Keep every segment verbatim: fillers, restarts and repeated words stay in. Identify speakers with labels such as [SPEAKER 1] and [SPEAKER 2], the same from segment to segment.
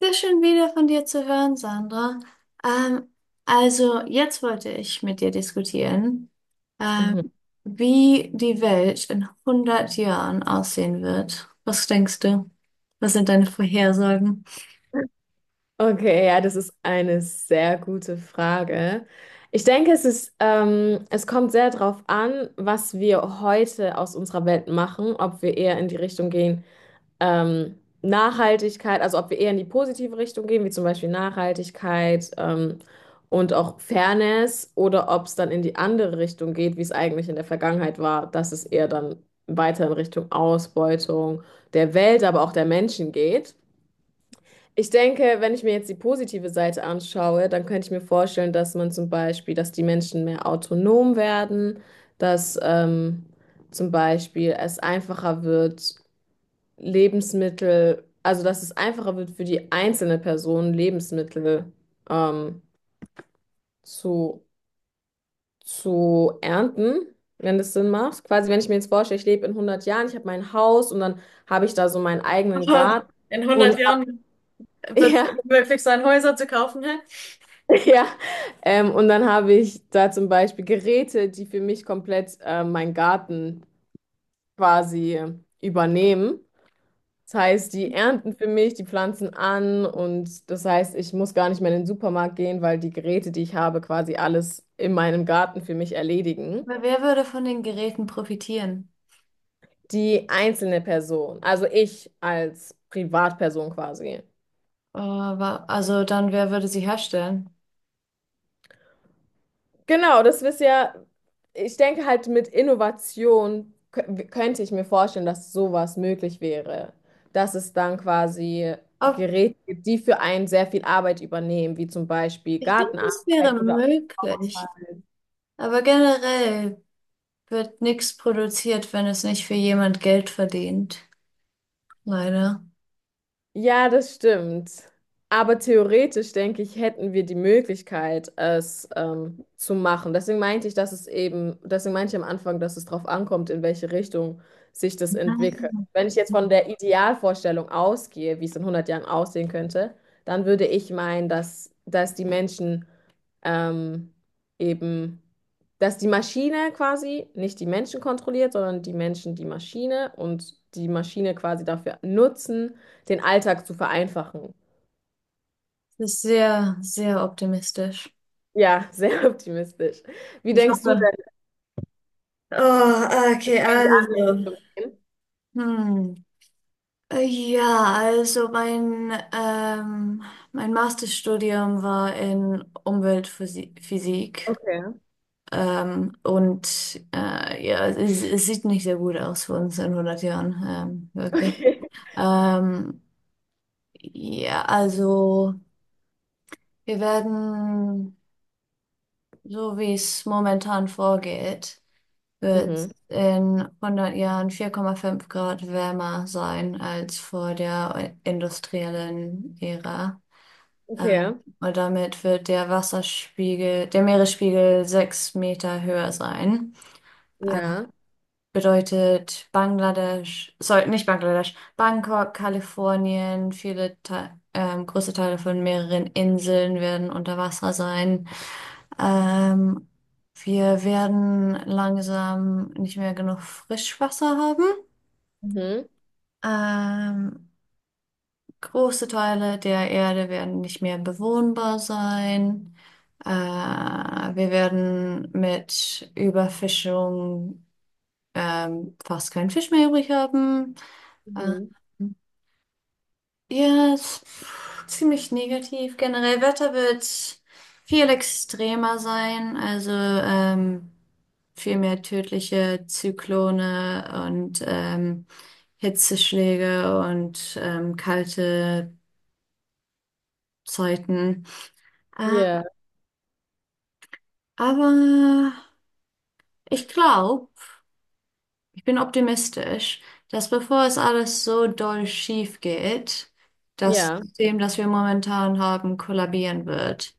[SPEAKER 1] Sehr schön wieder von dir zu hören, Sandra. Ähm, also jetzt wollte ich mit dir diskutieren, ähm,
[SPEAKER 2] Mhm.
[SPEAKER 1] wie die Welt in hundert Jahren aussehen wird. Was denkst du? Was sind deine Vorhersagen?
[SPEAKER 2] Okay, ja, das ist eine sehr gute Frage. Ich denke, es ist, ähm, es kommt sehr darauf an, was wir heute aus unserer Welt machen, ob wir eher in die Richtung gehen, ähm, Nachhaltigkeit, also ob wir eher in die positive Richtung gehen, wie zum Beispiel Nachhaltigkeit, ähm, und auch Fairness, oder ob es dann in die andere Richtung geht, wie es eigentlich in der Vergangenheit war, dass es eher dann weiter in Richtung Ausbeutung der Welt, aber auch der Menschen geht. Ich denke, wenn ich mir jetzt die positive Seite anschaue, dann könnte ich mir vorstellen, dass man zum Beispiel, dass die Menschen mehr autonom werden, dass ähm, zum Beispiel es einfacher wird, Lebensmittel, also dass es einfacher wird für die einzelne Person, Lebensmittel ähm, zu, zu ernten, wenn das Sinn macht. Quasi, wenn ich mir jetzt vorstelle, ich lebe in hundert Jahren, ich habe mein Haus und dann habe ich da so meinen eigenen Garten
[SPEAKER 1] In
[SPEAKER 2] und ich habe,
[SPEAKER 1] Hand.
[SPEAKER 2] ja. Ja, ähm, und dann habe ich da zum Beispiel Geräte, die für mich komplett äh, meinen Garten quasi übernehmen. Das heißt, die ernten für mich, die pflanzen an und das heißt, ich muss gar nicht mehr in den Supermarkt gehen, weil die Geräte, die ich habe, quasi alles in meinem Garten für mich erledigen.
[SPEAKER 1] Aber wer würde von den Geräten profitieren?
[SPEAKER 2] Die einzelne Person, also ich als Privatperson quasi.
[SPEAKER 1] Äh, also dann, wer würde sie herstellen?
[SPEAKER 2] Genau, das ist ja, ich denke halt mit Innovation kö- könnte ich mir vorstellen, dass sowas möglich wäre. Dass es dann quasi
[SPEAKER 1] Ob-
[SPEAKER 2] Geräte gibt, die für einen sehr viel Arbeit übernehmen, wie zum Beispiel
[SPEAKER 1] ich glaube, das wäre
[SPEAKER 2] Gartenarbeit oder auch.
[SPEAKER 1] möglich. Aber generell wird nichts produziert, wenn es nicht für jemand Geld verdient. Leider.
[SPEAKER 2] Ja, das stimmt. Aber theoretisch, denke ich, hätten wir die Möglichkeit, es ähm, zu machen. Deswegen meinte ich, dass es eben, deswegen meinte ich am Anfang, dass es darauf ankommt, in welche Richtung sich das
[SPEAKER 1] Das
[SPEAKER 2] entwickelt. Wenn ich jetzt von der Idealvorstellung ausgehe, wie es in hundert Jahren aussehen könnte, dann würde ich meinen, dass, dass die Menschen ähm, eben, dass die Maschine quasi nicht die Menschen kontrolliert, sondern die Menschen die Maschine und die Maschine quasi dafür nutzen, den Alltag zu vereinfachen.
[SPEAKER 1] ist sehr, sehr optimistisch.
[SPEAKER 2] Ja, sehr optimistisch. Wie
[SPEAKER 1] Ich
[SPEAKER 2] denkst du
[SPEAKER 1] hoffe.
[SPEAKER 2] denn,
[SPEAKER 1] Oh, okay,
[SPEAKER 2] in die andere
[SPEAKER 1] also.
[SPEAKER 2] Richtung gehen?
[SPEAKER 1] Hm. Äh, Ja, also mein, ähm, mein Masterstudium war in Umweltphysik.
[SPEAKER 2] Okay.
[SPEAKER 1] Ähm, und äh, ja, es, es sieht nicht sehr gut aus für uns in hundert Jahren, ähm, wirklich.
[SPEAKER 2] Okay.
[SPEAKER 1] Ähm, ja, also wir werden, so wie es momentan vorgeht, wird
[SPEAKER 2] Mhm.
[SPEAKER 1] in hundert Jahren vier Komma fünf Grad wärmer sein als vor der industriellen Ära. Äh,
[SPEAKER 2] Okay.
[SPEAKER 1] Und damit wird der Wasserspiegel, der Meeresspiegel sechs Meter höher sein. Äh,
[SPEAKER 2] Ja.
[SPEAKER 1] Bedeutet Bangladesch, sorry, nicht Bangladesch, Bangkok, Kalifornien, viele Te ähm, große Teile von mehreren Inseln werden unter Wasser sein. Ähm, Wir werden langsam nicht mehr genug Frischwasser haben.
[SPEAKER 2] Mhm.
[SPEAKER 1] Ähm, Große Teile der Erde werden nicht mehr bewohnbar sein. Äh, wir werden mit Überfischung ähm, fast keinen Fisch mehr übrig haben. Ähm,
[SPEAKER 2] Mhm.
[SPEAKER 1] Ja, es- pff, ziemlich negativ. Generell Wetter wird viel extremer sein, also ähm, viel mehr tödliche Zyklone und ähm, Hitzeschläge und ähm, kalte Zeiten. Äh,
[SPEAKER 2] Ja.
[SPEAKER 1] aber ich glaube, ich bin optimistisch, dass bevor es alles so doll schief geht, das
[SPEAKER 2] Ja.
[SPEAKER 1] System, das wir momentan haben, kollabieren wird.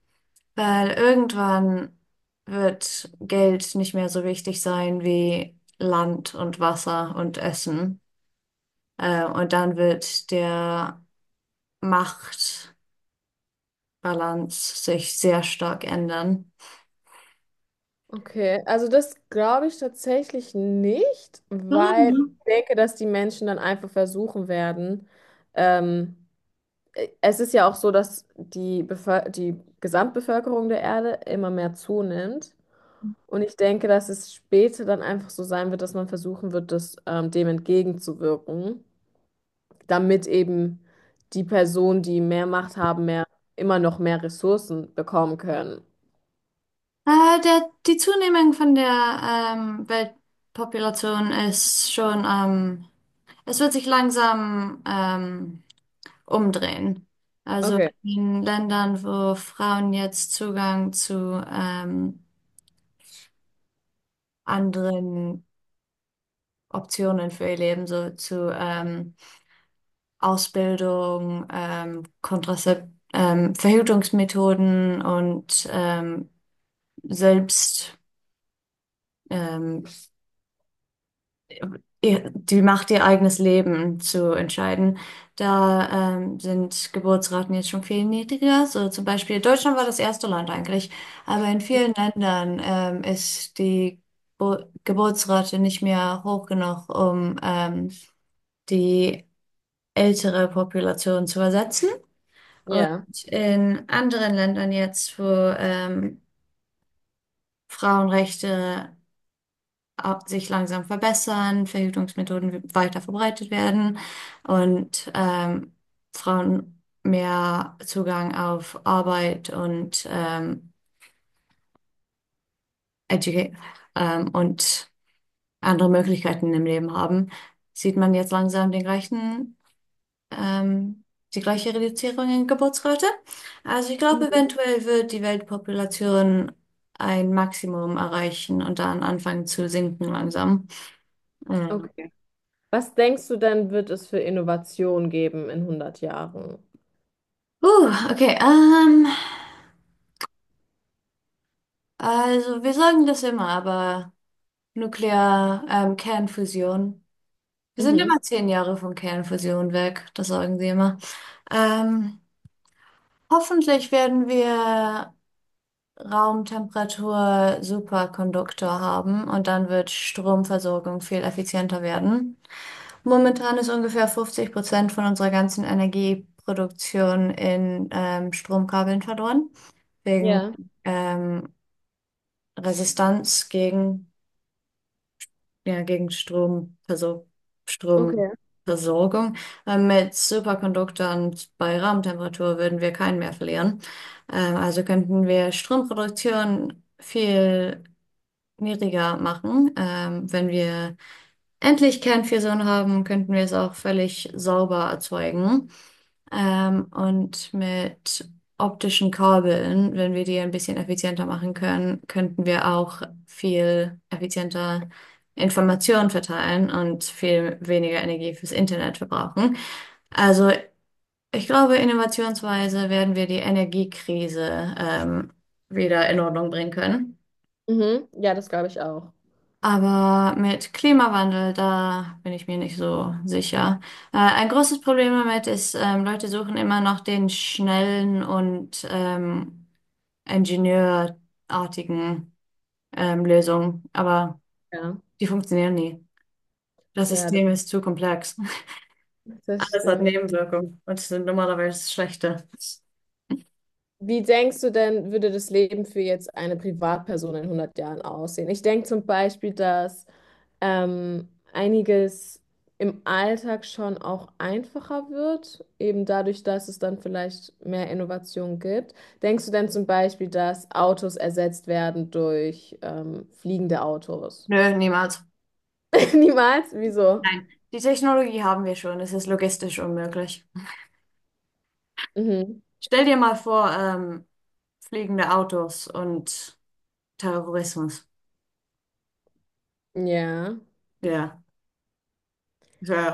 [SPEAKER 1] Weil irgendwann wird Geld nicht mehr so wichtig sein wie Land und Wasser und Essen. Äh, und dann wird der Machtbalance sich sehr stark ändern.
[SPEAKER 2] Okay. Also das glaube ich tatsächlich nicht, weil
[SPEAKER 1] Warum?
[SPEAKER 2] ich denke, dass die Menschen dann einfach versuchen werden, ähm, es ist ja auch so, dass die, Bevöl die Gesamtbevölkerung der Erde immer mehr zunimmt. Und ich denke, dass es später dann einfach so sein wird, dass man versuchen wird, das, ähm, dem entgegenzuwirken, damit eben die Personen, die mehr Macht haben, mehr, immer noch mehr Ressourcen bekommen können.
[SPEAKER 1] Äh, der, die Zunehmung von der ähm, Weltpopulation ist schon am es wird sich langsam ähm, umdrehen. Also
[SPEAKER 2] Okay,
[SPEAKER 1] in Ländern, wo Frauen jetzt Zugang zu ähm, anderen Optionen für ihr Leben, so zu ähm, Ausbildung, ähm, Kontrazep ähm, Verhütungsmethoden und ähm, selbst ähm, ihr, die Macht, ihr eigenes Leben zu entscheiden. Da ähm, sind Geburtsraten jetzt schon viel niedriger. So zum Beispiel Deutschland war das erste Land eigentlich, aber in vielen Ländern ähm, ist die Bo Geburtsrate nicht mehr hoch genug, um ähm, die ältere Population zu ersetzen.
[SPEAKER 2] ja.
[SPEAKER 1] In anderen Ländern jetzt, wo ähm, Frauenrechte ab- sich langsam verbessern, Verhütungsmethoden weiter verbreitet werden und ähm, Frauen mehr Zugang auf Arbeit und ähm, Educa ähm, und andere Möglichkeiten im Leben haben, sieht man jetzt langsam den gleichen ähm, die gleiche Reduzierung in Geburtsrate. Also ich glaube,
[SPEAKER 2] Mhm.
[SPEAKER 1] eventuell wird die Weltpopulation ein Maximum erreichen und dann anfangen zu sinken langsam. Mhm.
[SPEAKER 2] Okay. Was denkst du denn, wird es für Innovation geben in hundert Jahren?
[SPEAKER 1] Uh, okay, ähm, also wir sagen das immer, aber Nuklear, ähm, Kernfusion. Wir sind immer
[SPEAKER 2] Mhm.
[SPEAKER 1] zehn Jahre von Kernfusion weg, das sagen sie immer. Ähm, Hoffentlich werden wir Raumtemperatur Superkonduktor haben und dann wird Stromversorgung viel effizienter werden. Momentan ist ungefähr fünfzig Prozent von unserer ganzen Energieproduktion in ähm, Stromkabeln verloren, wegen
[SPEAKER 2] Ja,
[SPEAKER 1] ähm, Resistanz gegen, ja, gegen Stromversor
[SPEAKER 2] okay.
[SPEAKER 1] Stromversorgung. Ähm, mit Superkonduktoren bei Raumtemperatur würden wir keinen mehr verlieren. Ähm, also könnten wir Stromproduktion viel schwieriger machen. Ähm, wenn wir endlich Kernfusion haben, könnten wir es auch völlig sauber erzeugen. Ähm, und mit optischen Kabeln, wenn wir die ein bisschen effizienter machen können, könnten wir auch viel effizienter Informationen verteilen und viel weniger Energie fürs Internet verbrauchen. Also ich glaube, innovationsweise werden wir die Energiekrise ähm, wieder in Ordnung bringen können.
[SPEAKER 2] Mhm. Ja, das glaube ich auch.
[SPEAKER 1] Aber mit Klimawandel, da bin ich mir nicht so sicher. Äh, ein großes Problem damit ist, ähm, Leute suchen immer noch den schnellen und ähm, ingenieurartigen ähm, Lösungen, aber
[SPEAKER 2] Ja,
[SPEAKER 1] die funktionieren nie. Das
[SPEAKER 2] ja, das,
[SPEAKER 1] System ist zu komplex.
[SPEAKER 2] das
[SPEAKER 1] Alles hat
[SPEAKER 2] stimmt.
[SPEAKER 1] Nebenwirkungen und sind normalerweise schlechte.
[SPEAKER 2] Wie denkst du denn, würde das Leben für jetzt eine Privatperson in hundert Jahren aussehen? Ich denke zum Beispiel, dass ähm, einiges im Alltag schon auch einfacher wird, eben dadurch, dass es dann vielleicht mehr Innovation gibt. Denkst du denn zum Beispiel, dass Autos ersetzt werden durch ähm, fliegende Autos?
[SPEAKER 1] Nö, niemals.
[SPEAKER 2] Niemals? Wieso?
[SPEAKER 1] Die Technologie haben wir schon, es ist logistisch unmöglich.
[SPEAKER 2] Mhm.
[SPEAKER 1] Stell dir mal vor, ähm, fliegende Autos und Terrorismus.
[SPEAKER 2] Ja,
[SPEAKER 1] Ja,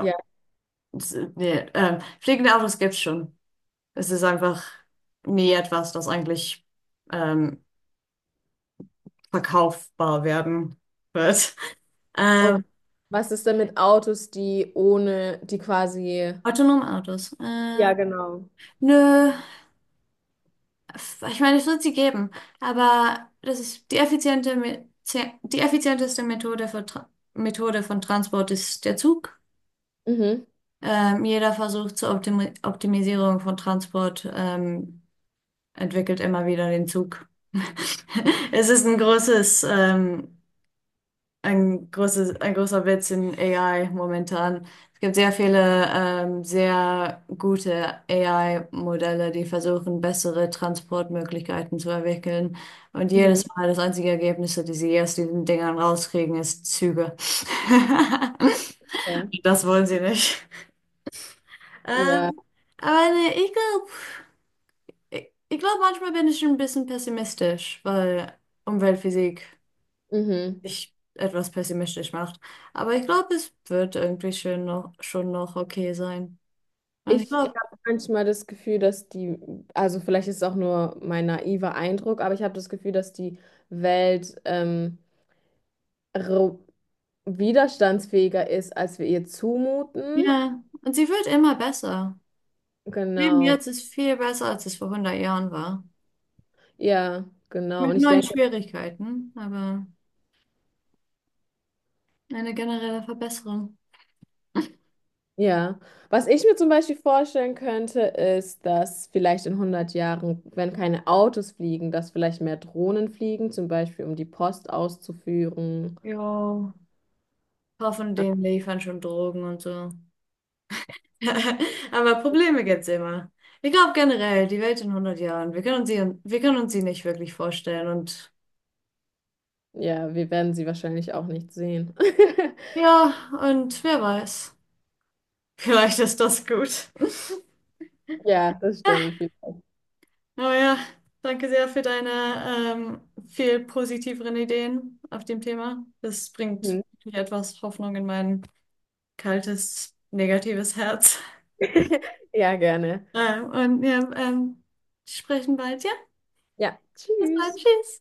[SPEAKER 2] ja.
[SPEAKER 1] s- nee, ähm, fliegende Autos gibt's schon. Es ist einfach nie etwas, das eigentlich ähm, verkaufbar werden wird.
[SPEAKER 2] Und
[SPEAKER 1] Ähm,
[SPEAKER 2] was ist denn mit Autos, die ohne, die quasi...
[SPEAKER 1] Autonome Autos.
[SPEAKER 2] Ja,
[SPEAKER 1] Äh,
[SPEAKER 2] genau.
[SPEAKER 1] nö, f- ich meine, es wird sie geben, aber das ist die effiziente, Me- ze- die effizienteste Methode für Tra Methode von Transport ist der Zug.
[SPEAKER 2] Mhm.
[SPEAKER 1] Ähm, jeder Versuch zur Optimi Optimisierung von Transport ähm, entwickelt immer wieder den Zug. Es ist ein großes, ähm, ein großes, ein großer Witz in A I momentan. Es gibt sehr viele, ähm, sehr gute A I-Modelle, die versuchen, bessere Transportmöglichkeiten zu entwickeln. Und
[SPEAKER 2] Mhm,
[SPEAKER 1] jedes Mal das einzige Ergebnis, das sie aus diesen Dingern rauskriegen, ist Züge.
[SPEAKER 2] ja,
[SPEAKER 1] Das wollen sie nicht.
[SPEAKER 2] ja,
[SPEAKER 1] Ähm, aber nee, ich glaube, Ich, ich glaube, manchmal bin ich ein bisschen pessimistisch, weil Umweltphysik
[SPEAKER 2] mhm.
[SPEAKER 1] mich etwas pessimistisch macht. Aber ich glaube, es wird irgendwie schön noch, schon noch okay sein. Und ich
[SPEAKER 2] Ich
[SPEAKER 1] glaube,
[SPEAKER 2] habe manchmal das Gefühl, dass die, also vielleicht ist es auch nur mein naiver Eindruck, aber ich habe das Gefühl, dass die Welt ähm, ro- widerstandsfähiger ist, als wir ihr zumuten.
[SPEAKER 1] ja, und sie wird immer besser. Leben
[SPEAKER 2] Genau,
[SPEAKER 1] jetzt ist viel besser, als es vor hundert Jahren war.
[SPEAKER 2] ja, genau.
[SPEAKER 1] Mit
[SPEAKER 2] Und ich
[SPEAKER 1] neuen
[SPEAKER 2] denke,
[SPEAKER 1] Schwierigkeiten, aber eine generelle Verbesserung.
[SPEAKER 2] ja, was ich mir zum Beispiel vorstellen könnte, ist, dass vielleicht in hundert Jahren, wenn keine Autos fliegen, dass vielleicht mehr Drohnen fliegen, zum Beispiel um die Post auszuführen.
[SPEAKER 1] Jo, hoffentlich liefern schon Drogen und so. Aber Probleme gibt's immer. Ich glaube generell, die Welt in hundert Jahren, wir können uns sie, wir können uns sie nicht wirklich vorstellen. Und
[SPEAKER 2] Ja, wir werden sie wahrscheinlich auch nicht sehen.
[SPEAKER 1] ja, und wer weiß, vielleicht ist das gut.
[SPEAKER 2] Ja, das stimmt. Vielleicht.
[SPEAKER 1] Aber ja, danke sehr für deine ähm, viel positiveren Ideen auf dem Thema. Das bringt
[SPEAKER 2] Hm.
[SPEAKER 1] wirklich etwas Hoffnung in mein kaltes, negatives Herz.
[SPEAKER 2] Ja, gerne.
[SPEAKER 1] Ähm, und wir ähm, sprechen bald. Ja,
[SPEAKER 2] Ja,
[SPEAKER 1] bis bald.
[SPEAKER 2] tschüss.
[SPEAKER 1] Tschüss.